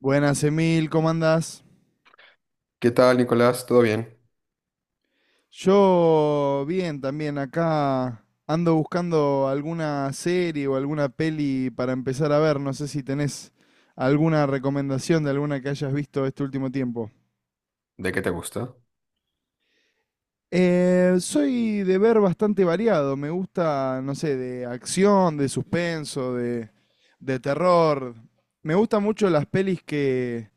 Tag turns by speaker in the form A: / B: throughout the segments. A: Buenas, Emil, ¿cómo andás?
B: ¿Qué tal, Nicolás? ¿Todo bien?
A: Yo bien, también acá ando buscando alguna serie o alguna peli para empezar a ver. No sé si tenés alguna recomendación de alguna que hayas visto este último tiempo.
B: ¿De qué te gusta?
A: Soy de ver bastante variado. Me gusta, no sé, de acción, de suspenso, de terror. Me gustan mucho las pelis que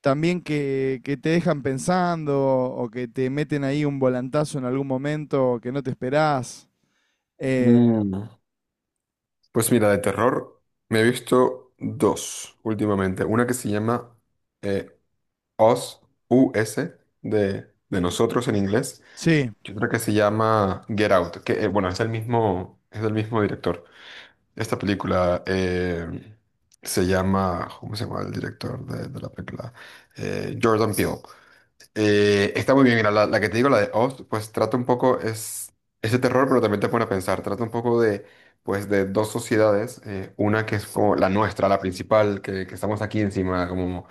A: que te dejan pensando o que te meten ahí un volantazo en algún momento que no te esperás. Eh,
B: Mm, pues mira, de terror me he visto dos últimamente. Una que se llama eh, Us, U S de nosotros en inglés.
A: sí,
B: Y otra que se llama Get Out, que bueno, es el mismo, es del mismo director. Esta película se llama, ¿cómo se llama el director de la película? Jordan Peele. Está muy bien, mira, la que te digo, la de Oz, pues trata un poco, es ese terror, pero también te pone a pensar, trata un poco de, pues, de dos sociedades, una que es como la nuestra, la principal, que estamos aquí encima, como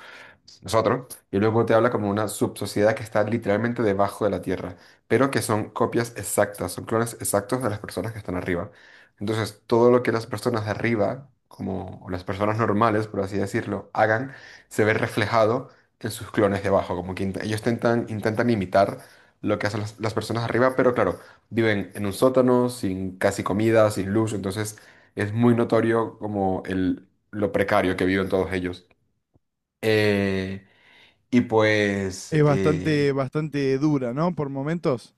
B: nosotros, y luego te habla como una subsociedad que está literalmente debajo de la Tierra, pero que son copias exactas, son clones exactos de las personas que están arriba. Entonces, todo lo que las personas de arriba, como o las personas normales, por así decirlo, hagan, se ve reflejado en sus clones debajo, como que ellos intentan, intentan imitar lo que hacen las personas arriba, pero claro, viven en un sótano, sin casi comida, sin luz, entonces es muy notorio como el, lo precario que viven todos ellos. Eh, y pues
A: es bastante, bastante dura, ¿no? Por momentos.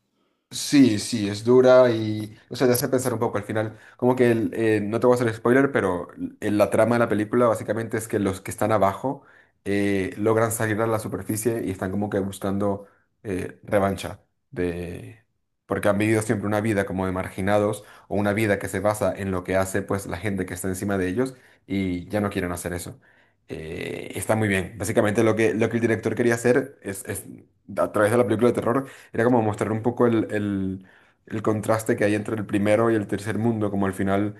B: sí, sí, es dura y, o sea, te hace pensar un poco al final. Como que, no te voy a hacer spoiler, pero la trama de la película básicamente es que los que están abajo logran salir a la superficie y están como que buscando revancha de... Porque han vivido siempre una vida como de marginados o una vida que se basa en lo que hace pues la gente que está encima de ellos y ya no quieren hacer eso. Está muy bien. Básicamente lo que el director quería hacer es a través de la película de terror era como mostrar un poco el contraste que hay entre el primero y el tercer mundo, como al final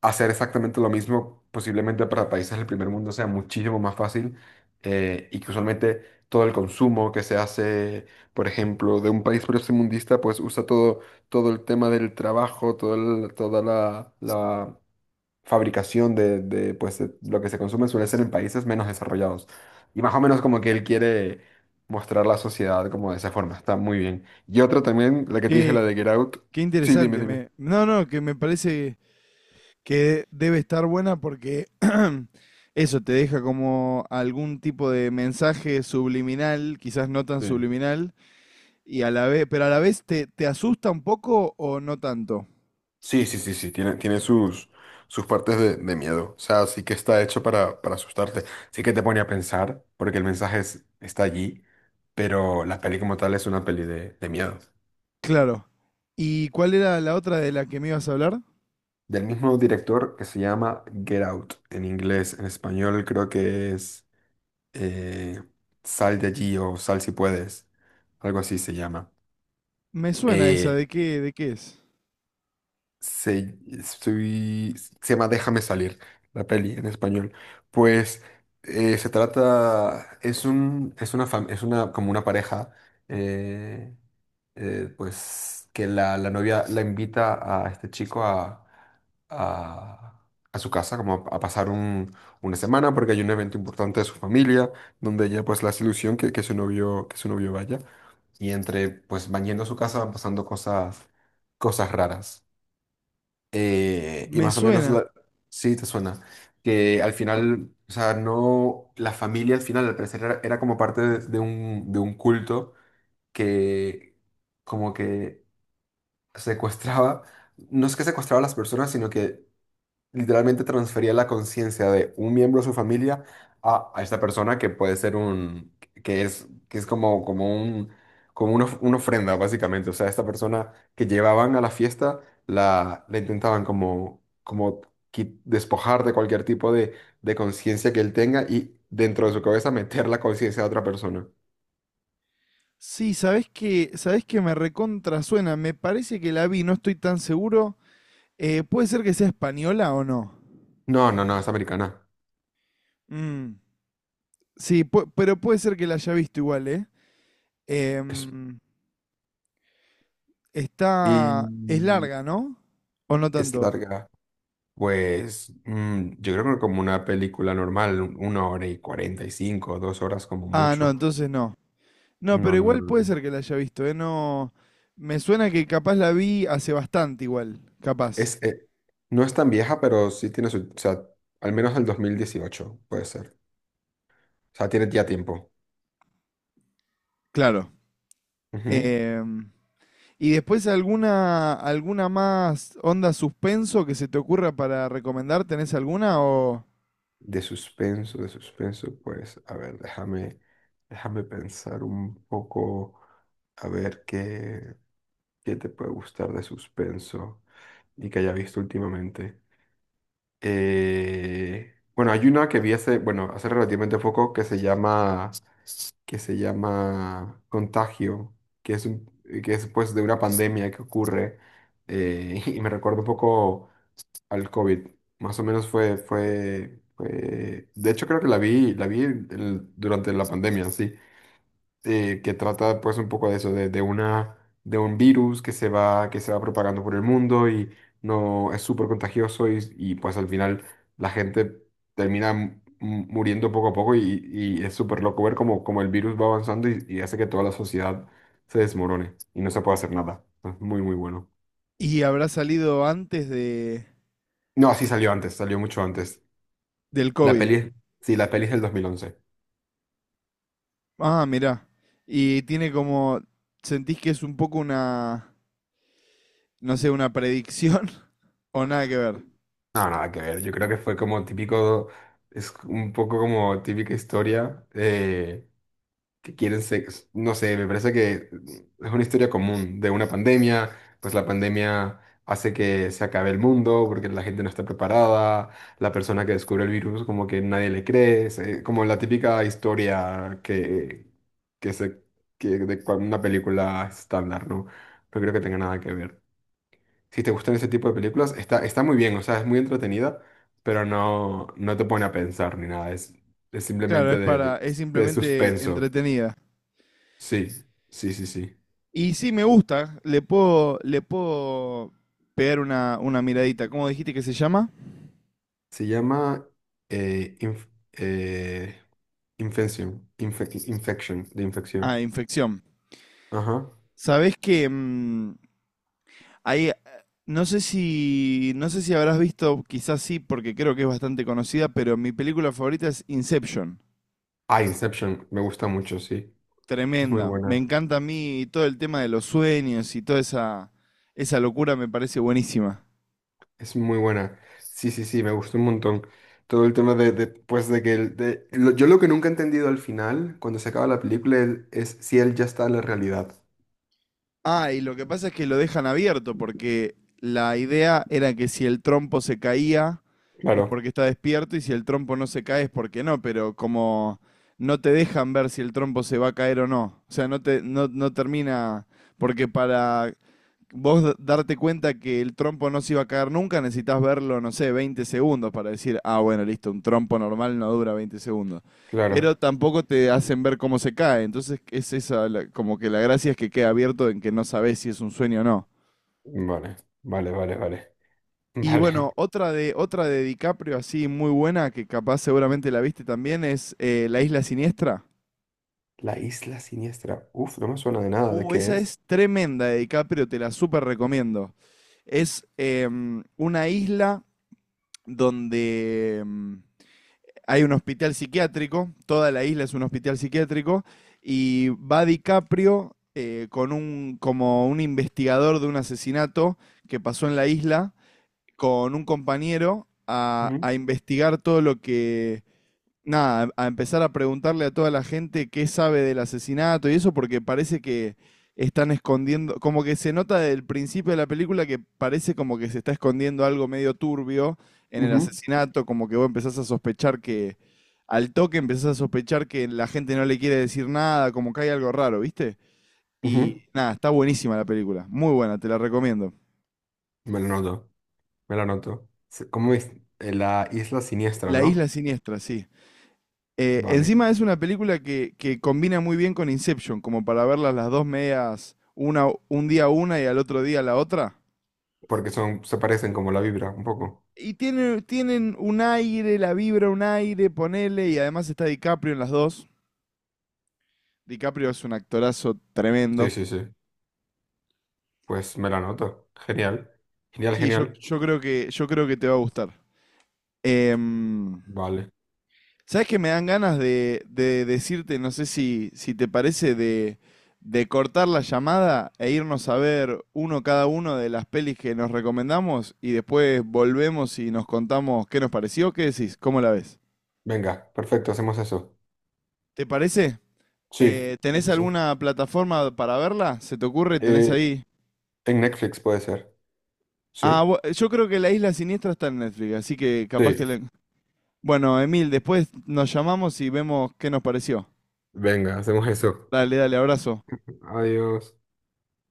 B: hacer exactamente lo mismo, posiblemente para países del primer mundo sea muchísimo más fácil y que usualmente todo el consumo que se hace, por ejemplo, de un país primermundista, pues usa todo, todo el tema del trabajo, toda la fabricación de pues, de lo que se consume suele ser en países menos desarrollados. Y más o menos como que él quiere mostrar la sociedad como de esa forma. Está muy bien. Y otra también, la que te dije, la
A: Qué,
B: de Get Out.
A: qué
B: Sí, dime,
A: interesante.
B: dime.
A: No, no, que me parece que debe estar buena porque eso te deja como algún tipo de mensaje subliminal, quizás no tan
B: Sí,
A: subliminal, y a la vez, pero a la vez te asusta un poco o no tanto.
B: sí, sí, sí, sí, tiene, tiene sus, sus partes de miedo. O sea, sí que está hecho para asustarte. Sí que te pone a pensar, porque el mensaje está allí, pero la peli como tal es una peli de miedo.
A: Claro. ¿Y cuál era la otra de la que me ibas a hablar?
B: Del mismo director que se llama Get Out. En inglés, en español creo que es... eh, sal de allí o sal si puedes, algo así se llama.
A: Me suena esa,
B: Eh,
A: de qué es?
B: Se, estoy- se llama Déjame salir, la peli en español. Pues se trata, es un, es una, como una pareja, eh, pues que la novia la invita a este chico a, a su casa, como a pasar un- una semana, porque hay un evento importante de su familia, donde ella pues la hace ilusión que, que su novio vaya. Y entre, pues van yendo a su casa, van pasando cosas, cosas raras. Y
A: Me
B: más o menos,
A: suena.
B: la- sí, te suena. Que al final, o sea, no, la familia al final, al parecer, era como parte de un culto que como que secuestraba, no es que secuestraba a las personas, sino que literalmente transfería la conciencia de un miembro de su familia a esta persona que puede ser un, que es como, como un, como una, una ofrenda, básicamente. O sea, esta persona que llevaban a la fiesta, la intentaban como, como despojar de cualquier tipo de conciencia que él tenga y dentro de su cabeza meter la conciencia de otra persona.
A: Sí, sabés que me recontra suena. Me parece que la vi, no estoy tan seguro. ¿Puede ser que sea española o no?
B: No, no, no, es americana.
A: Mm. Sí, pu- pero puede ser que la haya visto igual, ¿eh?
B: Es-
A: Em, Está... Es
B: y
A: larga, ¿no? ¿O no
B: es
A: tanto?
B: larga. Pues mm, yo creo que como una película normal, un- una hora y cuarenta y cinco, dos horas como
A: Ah, no,
B: mucho.
A: entonces no. No,
B: No,
A: pero igual puede
B: no,
A: ser que la haya visto, ¿eh? No... Me suena que capaz la vi hace bastante igual, capaz.
B: es, no es tan vieja, pero sí tiene su, o sea, al menos del 2018 puede ser. O sea, tiene ya tiempo.
A: Claro.
B: Ujú.
A: Em, y después alguna, alguna más onda suspenso que se te ocurra para recomendar, ¿tenés alguna o...?
B: De suspenso, pues, a ver, déjame, déjame pensar un poco, a ver qué, qué te puede gustar de suspenso y que haya visto últimamente. Bueno, hay una que vi hace, bueno, hace relativamente poco que se llama Contagio, que es un- que es pues de una pandemia que ocurre y me recuerda un poco al COVID. Más o menos de hecho creo que la vi, durante la pandemia, sí que trata pues un poco de eso, de una, de un virus que se va propagando por el mundo y no es súper contagioso y, pues al final la gente termina mu- muriendo poco a poco y es súper loco ver cómo, cómo el virus va avanzando y hace que toda la sociedad se desmorone y no se puede hacer nada. Es muy, muy bueno.
A: Y habrá salido antes de,
B: No, sí salió antes, salió mucho antes.
A: del
B: La
A: COVID.
B: peli, sí, la peli es del 2011.
A: Ah, mirá. Y tiene como, ¿sentís que es un poco una, no sé, una predicción o nada que ver?
B: No, nada que ver. Yo creo que fue como típico, es un poco como típica historia. Que quieren sexo. No sé, me parece que es una historia común de una pandemia, pues la pandemia hace que se acabe el mundo porque la gente no está preparada, la persona que descubre el virus como que nadie le cree, como la típica historia que, que se, que una película estándar, ¿no? No creo que tenga nada que ver. Si te gustan ese tipo de películas, está, está muy bien, o sea, es muy entretenida, pero no, no te pone a pensar ni nada, es
A: Claro,
B: simplemente
A: es para, es
B: de
A: simplemente
B: suspenso.
A: entretenida.
B: Sí, sí, sí, sí.
A: Y sí me gusta, le puedo pegar una miradita. ¿Cómo dijiste que se llama?
B: Se llama eh, inf- eh, Infection, Infection, de
A: Ah,
B: infección.
A: infección.
B: Ajá.
A: Sabés que mm, hay, no sé si, no sé si habrás visto, quizás sí, porque creo que es bastante conocida, pero mi película favorita es Inception.
B: Ah, Inception, me gusta mucho, sí. Es muy
A: Tremenda. Me
B: buena,
A: encanta a mí todo el tema de los sueños y toda esa, esa locura me parece buenísima.
B: es muy buena. Sí, sí, sí, me gustó un montón. Todo el tema de, pues, de que... yo lo que nunca he entendido al final, cuando se acaba la película, él- es si él ya está en la realidad.
A: Ah, y lo que pasa es que lo dejan abierto porque la idea era que si el trompo se caía es
B: Claro,
A: porque está despierto y si el trompo no se cae es porque no, pero como no te dejan ver si el trompo se va a caer o no. O sea, no te, no, no termina, porque para vos darte cuenta que el trompo no se iba a caer nunca, necesitas verlo, no sé, 20 segundos para decir, ah, bueno, listo, un trompo normal no dura 20 segundos. Pero
B: claro.
A: tampoco te hacen ver cómo se cae. Entonces, es esa, la- como que la gracia es que queda abierto en que no sabes si es un sueño o no.
B: Vale, vale, vale, vale.
A: Y
B: Vale.
A: bueno, otra de DiCaprio así muy buena, que capaz seguramente la viste también, es La Isla Siniestra.
B: La isla siniestra. Uf, no me suena de nada. ¿De qué
A: Esa
B: es?
A: es tremenda de DiCaprio, te la súper recomiendo. Es una isla donde hay un hospital psiquiátrico, toda la isla es un hospital psiquiátrico, y va DiCaprio con un, como un investigador de un asesinato que pasó en la isla, con un compañero
B: Ujú,
A: a investigar todo lo que, nada, a empezar a preguntarle a toda la gente qué sabe del asesinato y eso, porque parece que están escondiendo, como que se nota desde el principio de la película que parece como que se está escondiendo algo medio turbio en el
B: ujú.
A: asesinato, como que vos empezás a sospechar que, al toque empezás a sospechar que la gente no le quiere decir nada, como que hay algo raro, ¿viste?
B: Ujú,
A: Y nada, está buenísima la película, muy buena, te la recomiendo.
B: me lo noto, me lo noto. Se- ¿Cómo es? La isla siniestra,
A: La Isla
B: ¿no?
A: Siniestra, sí.
B: Vale.
A: Encima es una película que combina muy bien con Inception, como para verlas las dos medias, una, un día una y al otro día la otra.
B: Porque son, se parecen como la vibra, un poco.
A: Tienen un aire, la vibra, un aire, ponele, y además está DiCaprio en las dos. DiCaprio es un actorazo
B: Sí,
A: tremendo.
B: sí, sí. Pues me la noto. Genial. Genial,
A: Sí,
B: genial.
A: yo creo yo creo que te va a gustar. Em,
B: Vale.
A: ¿sabes que me dan ganas de decirte, no sé si, si te parece, de cortar la llamada e irnos a ver uno cada uno de las pelis que nos recomendamos y después volvemos y nos contamos qué nos pareció? ¿Qué decís? ¿Cómo la ves?
B: Venga, perfecto, hacemos eso.
A: ¿Te parece?
B: Sí, sí,
A: ¿Tenés
B: sí, sí.
A: alguna plataforma para verla? ¿Se te ocurre? ¿Tenés
B: Eh,
A: ahí?
B: en Netflix puede ser.
A: Ah,
B: Sí.
A: bu- yo creo que La Isla Siniestra está en Netflix, así que capaz que...
B: Sí.
A: la Bueno, Emil, después nos llamamos y vemos qué nos pareció.
B: Venga, hacemos eso.
A: Dale, dale, abrazo.
B: Adiós.